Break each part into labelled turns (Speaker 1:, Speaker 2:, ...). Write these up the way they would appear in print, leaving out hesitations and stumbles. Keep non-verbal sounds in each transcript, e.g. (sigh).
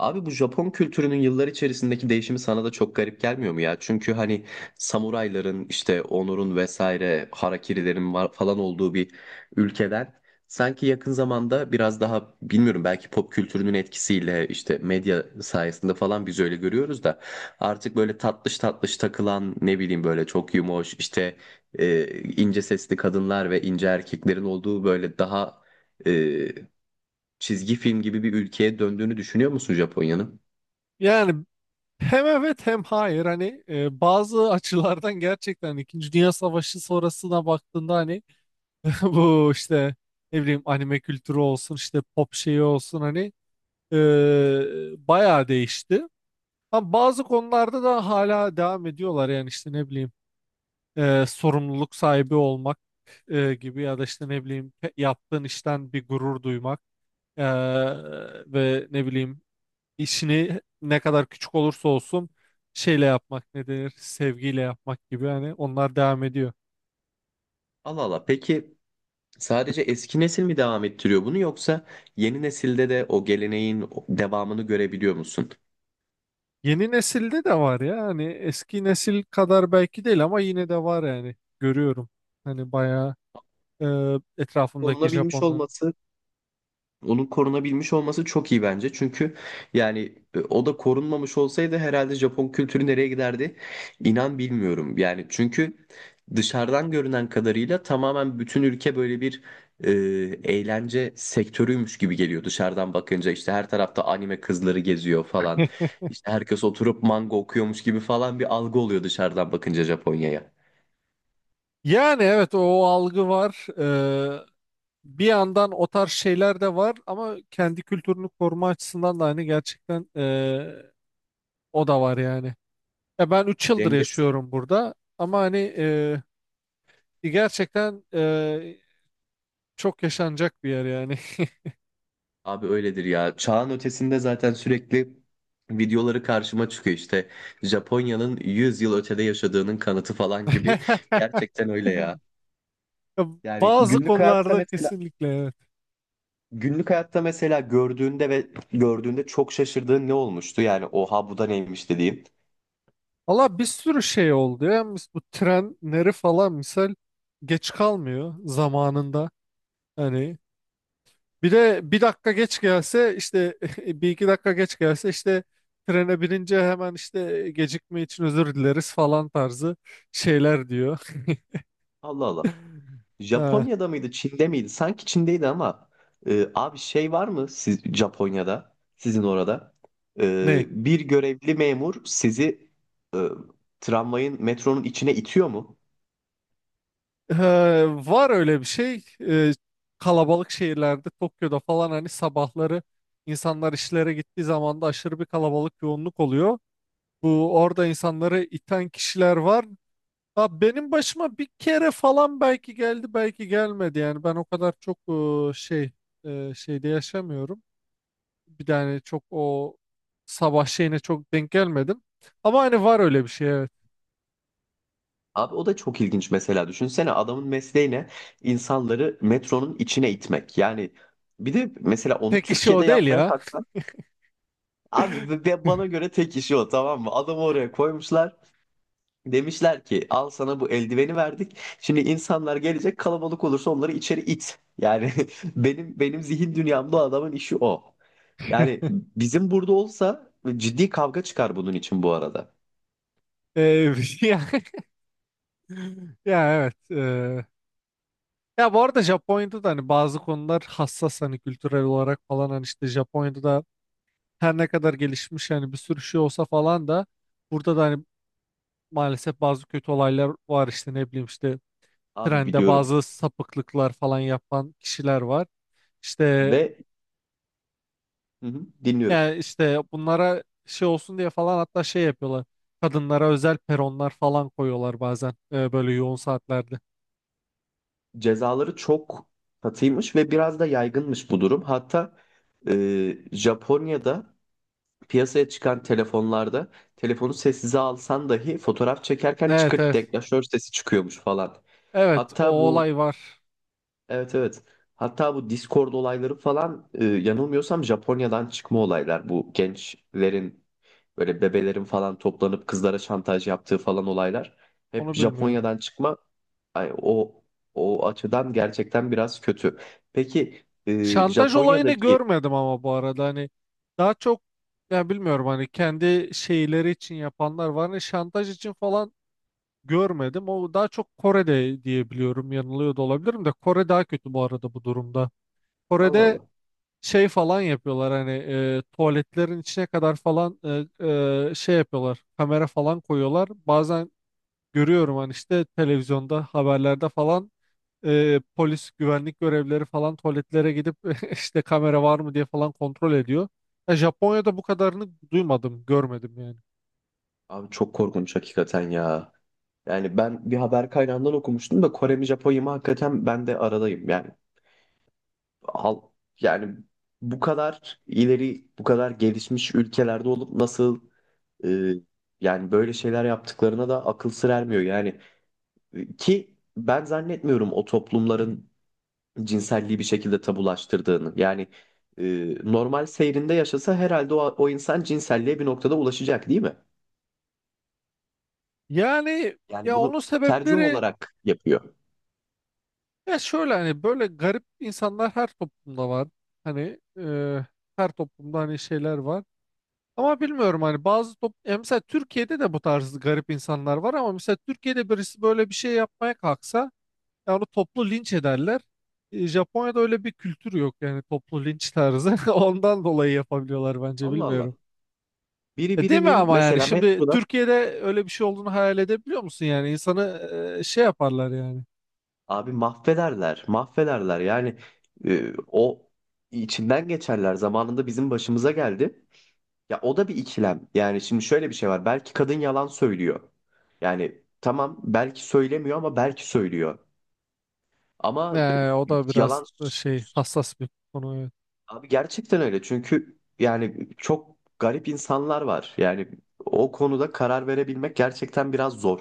Speaker 1: Abi bu Japon kültürünün yıllar içerisindeki değişimi sana da çok garip gelmiyor mu ya? Çünkü hani samurayların işte onurun vesaire harakirilerin var falan olduğu bir ülkeden sanki yakın zamanda biraz daha bilmiyorum belki pop kültürünün etkisiyle işte medya sayesinde falan biz öyle görüyoruz da artık böyle tatlış tatlış takılan ne bileyim böyle çok yumoş işte ince sesli kadınlar ve ince erkeklerin olduğu böyle daha çizgi film gibi bir ülkeye döndüğünü düşünüyor musun Japonya'nın?
Speaker 2: Yani hem evet hem hayır hani bazı açılardan gerçekten İkinci Dünya Savaşı sonrasına baktığında hani (laughs) bu işte ne bileyim anime kültürü olsun işte pop şeyi olsun hani bayağı değişti. Ama bazı konularda da hala devam ediyorlar yani işte ne bileyim sorumluluk sahibi olmak gibi ya da işte ne bileyim yaptığın işten bir gurur duymak e, ve ne bileyim işini ne kadar küçük olursa olsun şeyle yapmak ne denir sevgiyle yapmak gibi hani onlar devam ediyor.
Speaker 1: Allah Allah. Peki sadece eski nesil mi devam ettiriyor bunu yoksa yeni nesilde de o geleneğin devamını görebiliyor musun?
Speaker 2: Yeni nesilde de var ya hani eski nesil kadar belki değil ama yine de var yani görüyorum. Hani bayağı e, etrafımdaki
Speaker 1: Korunabilmiş
Speaker 2: Japonlar.
Speaker 1: olması Onun korunabilmiş olması çok iyi bence. Çünkü yani o da korunmamış olsaydı herhalde Japon kültürü nereye giderdi? İnan bilmiyorum. Yani çünkü dışarıdan görünen kadarıyla tamamen bütün ülke böyle bir e, eğlence sektörüymüş gibi geliyor dışarıdan bakınca. İşte her tarafta anime kızları geziyor falan. İşte herkes oturup manga okuyormuş gibi falan bir algı oluyor dışarıdan bakınca Japonya'ya.
Speaker 2: Yani evet o algı var. E, Bir yandan o tarz şeyler de var ama kendi kültürünü koruma açısından da hani gerçekten o da var yani. Ya ben 3 yıldır
Speaker 1: Denge
Speaker 2: yaşıyorum burada ama hani gerçekten çok yaşanacak bir yer yani.
Speaker 1: Abi öyledir ya. Çağın ötesinde zaten sürekli videoları karşıma çıkıyor işte. Japonya'nın 100 yıl ötede yaşadığının kanıtı falan gibi. Gerçekten öyle ya.
Speaker 2: (laughs) Ya,
Speaker 1: Yani
Speaker 2: bazı
Speaker 1: günlük hayatta
Speaker 2: konularda
Speaker 1: mesela
Speaker 2: kesinlikle evet.
Speaker 1: gördüğünde gördüğünde çok şaşırdığın ne olmuştu? Yani oha bu da neymiş dediğin.
Speaker 2: Valla bir sürü şey oldu ya. Bu trenleri falan misal geç kalmıyor zamanında. Hani bir de bir dakika geç gelse işte (laughs) bir iki dakika geç gelse işte trene binince hemen işte gecikme için özür dileriz falan tarzı şeyler diyor. (laughs)
Speaker 1: Allah Allah.
Speaker 2: Ha,
Speaker 1: Japonya'da mıydı, Çin'de miydi? Sanki Çin'deydi ama abi şey var mı siz Japonya'da, sizin orada?
Speaker 2: ne?
Speaker 1: Bir görevli memur sizi e, tramvayın, metronun içine itiyor mu?
Speaker 2: Ee, Var öyle bir şey. Kalabalık şehirlerde Tokyo'da falan hani sabahları insanlar işlere gittiği zaman da aşırı bir kalabalık yoğunluk oluyor. Bu orada insanları iten kişiler var. Ha, benim başıma bir kere falan belki geldi belki gelmedi yani ben o kadar çok e, şey şeyde yaşamıyorum. Bir de hani çok o sabah şeyine çok denk gelmedim. Ama hani var öyle bir şey, evet.
Speaker 1: Abi o da çok ilginç mesela. Düşünsene adamın mesleği ne? İnsanları metronun içine itmek. Yani bir de mesela onu
Speaker 2: Tek işi
Speaker 1: Türkiye'de
Speaker 2: o değil
Speaker 1: yapmaya
Speaker 2: ya.
Speaker 1: kalksan abi ve
Speaker 2: (laughs)
Speaker 1: bana göre tek işi o, tamam mı? Adamı oraya koymuşlar. Demişler ki al sana bu eldiveni verdik. Şimdi insanlar gelecek, kalabalık olursa onları içeri it. Yani (laughs) benim zihin dünyamda o adamın işi o. Yani bizim burada olsa ciddi kavga çıkar bunun için bu arada.
Speaker 2: Ee, (laughs) Ya evet. Ya, bu arada Japonya'da da hani bazı konular hassas hani kültürel olarak falan hani işte Japonya'da da her ne kadar gelişmiş hani bir sürü şey olsa falan da burada da hani maalesef bazı kötü olaylar var işte ne bileyim işte
Speaker 1: Abi
Speaker 2: trende
Speaker 1: biliyorum
Speaker 2: bazı sapıklıklar falan yapan kişiler var. İşte
Speaker 1: ve hı hı, dinliyorum.
Speaker 2: yani işte bunlara şey olsun diye falan hatta şey yapıyorlar. Kadınlara özel peronlar falan koyuyorlar bazen böyle yoğun saatlerde.
Speaker 1: Cezaları çok katıymış ve biraz da yaygınmış bu durum. Hatta Japonya'da piyasaya çıkan telefonlarda telefonu sessize alsan dahi fotoğraf çekerken
Speaker 2: Evet,
Speaker 1: çıkırt
Speaker 2: evet.
Speaker 1: deklanşör sesi çıkıyormuş falan.
Speaker 2: Evet, o
Speaker 1: Hatta bu
Speaker 2: olay var.
Speaker 1: evet, evet. Hatta bu Discord olayları falan yanılmıyorsam Japonya'dan çıkma olaylar. Bu gençlerin böyle bebelerin falan toplanıp kızlara şantaj yaptığı falan olaylar hep
Speaker 2: Onu bilmiyorum.
Speaker 1: Japonya'dan çıkma. Ay, o açıdan gerçekten biraz kötü. Peki e,
Speaker 2: Şantaj olayını
Speaker 1: Japonya'daki
Speaker 2: görmedim ama bu arada hani daha çok, ya bilmiyorum hani kendi şeyleri için yapanlar var. Hani şantaj için falan görmedim. O daha çok Kore'de diye biliyorum. Yanılıyor da olabilirim de Kore daha kötü bu arada bu durumda.
Speaker 1: Allah
Speaker 2: Kore'de
Speaker 1: Allah.
Speaker 2: şey falan yapıyorlar hani tuvaletlerin içine kadar falan e, şey yapıyorlar. Kamera falan koyuyorlar. Bazen görüyorum hani işte televizyonda haberlerde falan polis güvenlik görevlileri falan tuvaletlere gidip (laughs) işte kamera var mı diye falan kontrol ediyor. Ya Japonya'da bu kadarını duymadım, görmedim yani.
Speaker 1: Abi çok korkunç hakikaten ya. Yani ben bir haber kaynağından okumuştum da Kore mi Japonya mı hakikaten ben de aradayım. Yani al, yani bu kadar ileri, bu kadar gelişmiş ülkelerde olup nasıl e, yani böyle şeyler yaptıklarına da akıl sır ermiyor. Yani ki ben zannetmiyorum o toplumların cinselliği bir şekilde tabulaştırdığını. Yani normal seyrinde yaşasa herhalde o insan cinselliğe bir noktada ulaşacak değil mi?
Speaker 2: Yani
Speaker 1: Yani
Speaker 2: ya
Speaker 1: bunu
Speaker 2: onun
Speaker 1: tercih
Speaker 2: sebepleri
Speaker 1: olarak yapıyor.
Speaker 2: ya şöyle hani böyle garip insanlar her toplumda var. Hani her toplumda hani şeyler var. Ama bilmiyorum hani bazı top ya mesela Türkiye'de de bu tarz garip insanlar var ama mesela Türkiye'de birisi böyle bir şey yapmaya kalksa, ya onu toplu linç ederler. Japonya'da öyle bir kültür yok yani toplu linç tarzı. (laughs) Ondan dolayı yapabiliyorlar bence,
Speaker 1: Allah Allah.
Speaker 2: bilmiyorum.
Speaker 1: Biri
Speaker 2: Değil mi
Speaker 1: birinin
Speaker 2: ama yani
Speaker 1: mesela
Speaker 2: şimdi
Speaker 1: metroda
Speaker 2: Türkiye'de öyle bir şey olduğunu hayal edebiliyor musun yani insanı şey yaparlar yani.
Speaker 1: Abi mahvederler, mahvederler. Yani o içinden geçerler. Zamanında bizim başımıza geldi. Ya o da bir ikilem. Yani şimdi şöyle bir şey var. Belki kadın yalan söylüyor. Yani tamam belki söylemiyor ama belki söylüyor. Ama
Speaker 2: O
Speaker 1: e,
Speaker 2: da biraz
Speaker 1: yalan
Speaker 2: da şey, hassas bir konu, evet.
Speaker 1: abi gerçekten öyle. Çünkü yani çok garip insanlar var. Yani o konuda karar verebilmek gerçekten biraz zor.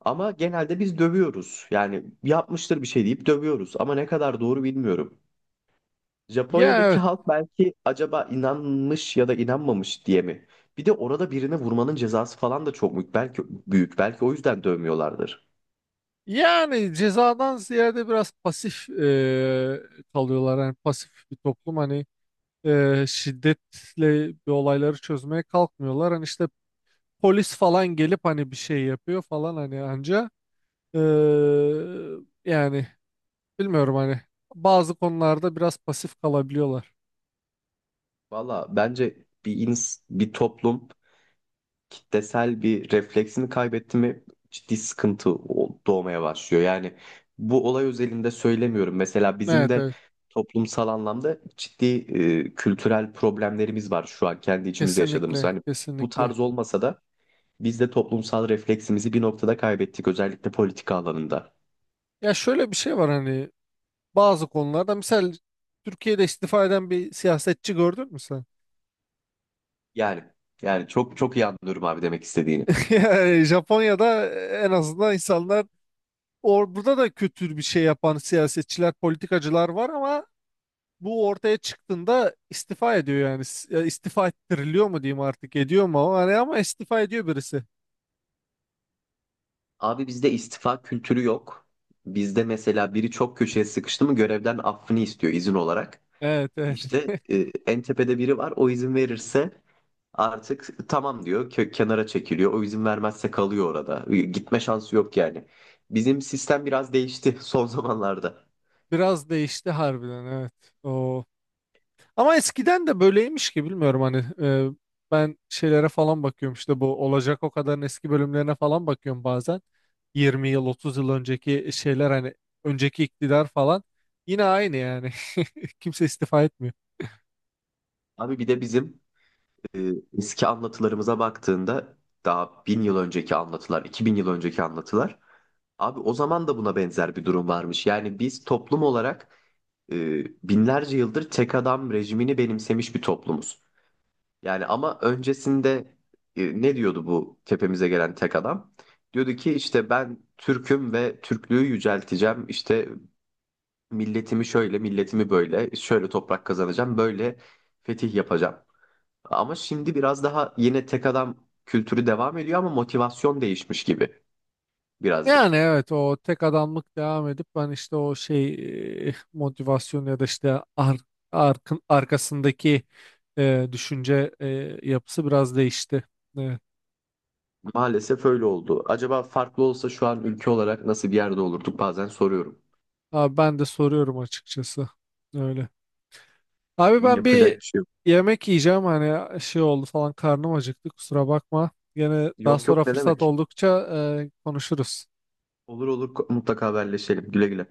Speaker 1: Ama genelde biz dövüyoruz. Yani yapmıştır bir şey deyip dövüyoruz. Ama ne kadar doğru bilmiyorum.
Speaker 2: Ya
Speaker 1: Japonya'daki
Speaker 2: evet.
Speaker 1: halk belki acaba inanmış ya da inanmamış diye mi? Bir de orada birine vurmanın cezası falan da çok büyük. Belki o yüzden dövmüyorlardır.
Speaker 2: Yani cezadan ziyade biraz pasif kalıyorlar. Yani pasif bir toplum hani şiddetle bir olayları çözmeye kalkmıyorlar. Hani işte polis falan gelip hani bir şey yapıyor falan hani anca Ee, yani bilmiyorum hani bazı konularda biraz pasif kalabiliyorlar.
Speaker 1: Valla bence bir toplum kitlesel bir refleksini kaybetti mi ciddi sıkıntı doğmaya başlıyor. Yani bu olay özelinde söylemiyorum. Mesela bizim
Speaker 2: Evet,
Speaker 1: de
Speaker 2: evet,
Speaker 1: toplumsal anlamda ciddi kültürel problemlerimiz var şu an kendi içimizde yaşadığımız.
Speaker 2: kesinlikle,
Speaker 1: Hani bu
Speaker 2: kesinlikle.
Speaker 1: tarz olmasa da biz de toplumsal refleksimizi bir noktada kaybettik, özellikle politika alanında.
Speaker 2: Ya şöyle bir şey var hani bazı konularda misal Türkiye'de istifa eden bir siyasetçi gördün mü sen?
Speaker 1: Yani yani çok çok iyi anlıyorum abi demek istediğini.
Speaker 2: (laughs) Yani Japonya'da en azından insanlar, or burada da kötü bir şey yapan siyasetçiler, politikacılar var ama bu ortaya çıktığında istifa ediyor yani. Ya istifa ettiriliyor mu diyeyim artık, ediyor mu, ama hani ama istifa ediyor birisi.
Speaker 1: Abi bizde istifa kültürü yok. Bizde mesela biri çok köşeye sıkıştı mı görevden affını istiyor izin olarak.
Speaker 2: Evet, evet.
Speaker 1: İşte en tepede biri var, o izin verirse artık tamam diyor, kenara çekiliyor. O izin vermezse kalıyor orada. Gitme şansı yok yani. Bizim sistem biraz değişti (laughs) son zamanlarda.
Speaker 2: Biraz değişti harbiden, evet. O. Ama eskiden de böyleymiş ki bilmiyorum hani ben şeylere falan bakıyorum işte bu olacak o kadarın eski bölümlerine falan bakıyorum bazen. 20 yıl 30 yıl önceki şeyler hani önceki iktidar falan yine aynı yani. (laughs) Kimse istifa etmiyor.
Speaker 1: Abi bir de bizim e, eski anlatılarımıza baktığında daha 1000 yıl önceki anlatılar, 2000 yıl önceki anlatılar. Abi o zaman da buna benzer bir durum varmış. Yani biz toplum olarak binlerce yıldır tek adam rejimini benimsemiş bir toplumuz. Yani ama öncesinde ne diyordu bu tepemize gelen tek adam? Diyordu ki işte ben Türk'üm ve Türklüğü yücelteceğim. İşte milletimi şöyle, milletimi böyle, şöyle toprak kazanacağım, böyle fetih yapacağım. Ama şimdi biraz daha yine tek adam kültürü devam ediyor ama motivasyon değişmiş gibi
Speaker 2: Yani
Speaker 1: birazcık.
Speaker 2: evet o tek adamlık devam edip ben işte o şey motivasyon ya da işte arkasındaki düşünce yapısı biraz değişti. Evet.
Speaker 1: Maalesef öyle oldu. Acaba farklı olsa şu an ülke olarak nasıl bir yerde olurduk bazen soruyorum.
Speaker 2: Abi ben de soruyorum açıkçası. Öyle. Abi ben
Speaker 1: Yapacak
Speaker 2: bir
Speaker 1: bir şey yok.
Speaker 2: yemek yiyeceğim hani şey oldu falan, karnım acıktı, kusura bakma. Gene daha
Speaker 1: Yok
Speaker 2: sonra
Speaker 1: yok, ne
Speaker 2: fırsat
Speaker 1: demek?
Speaker 2: oldukça konuşuruz.
Speaker 1: Olur olur, mutlaka haberleşelim. Güle güle.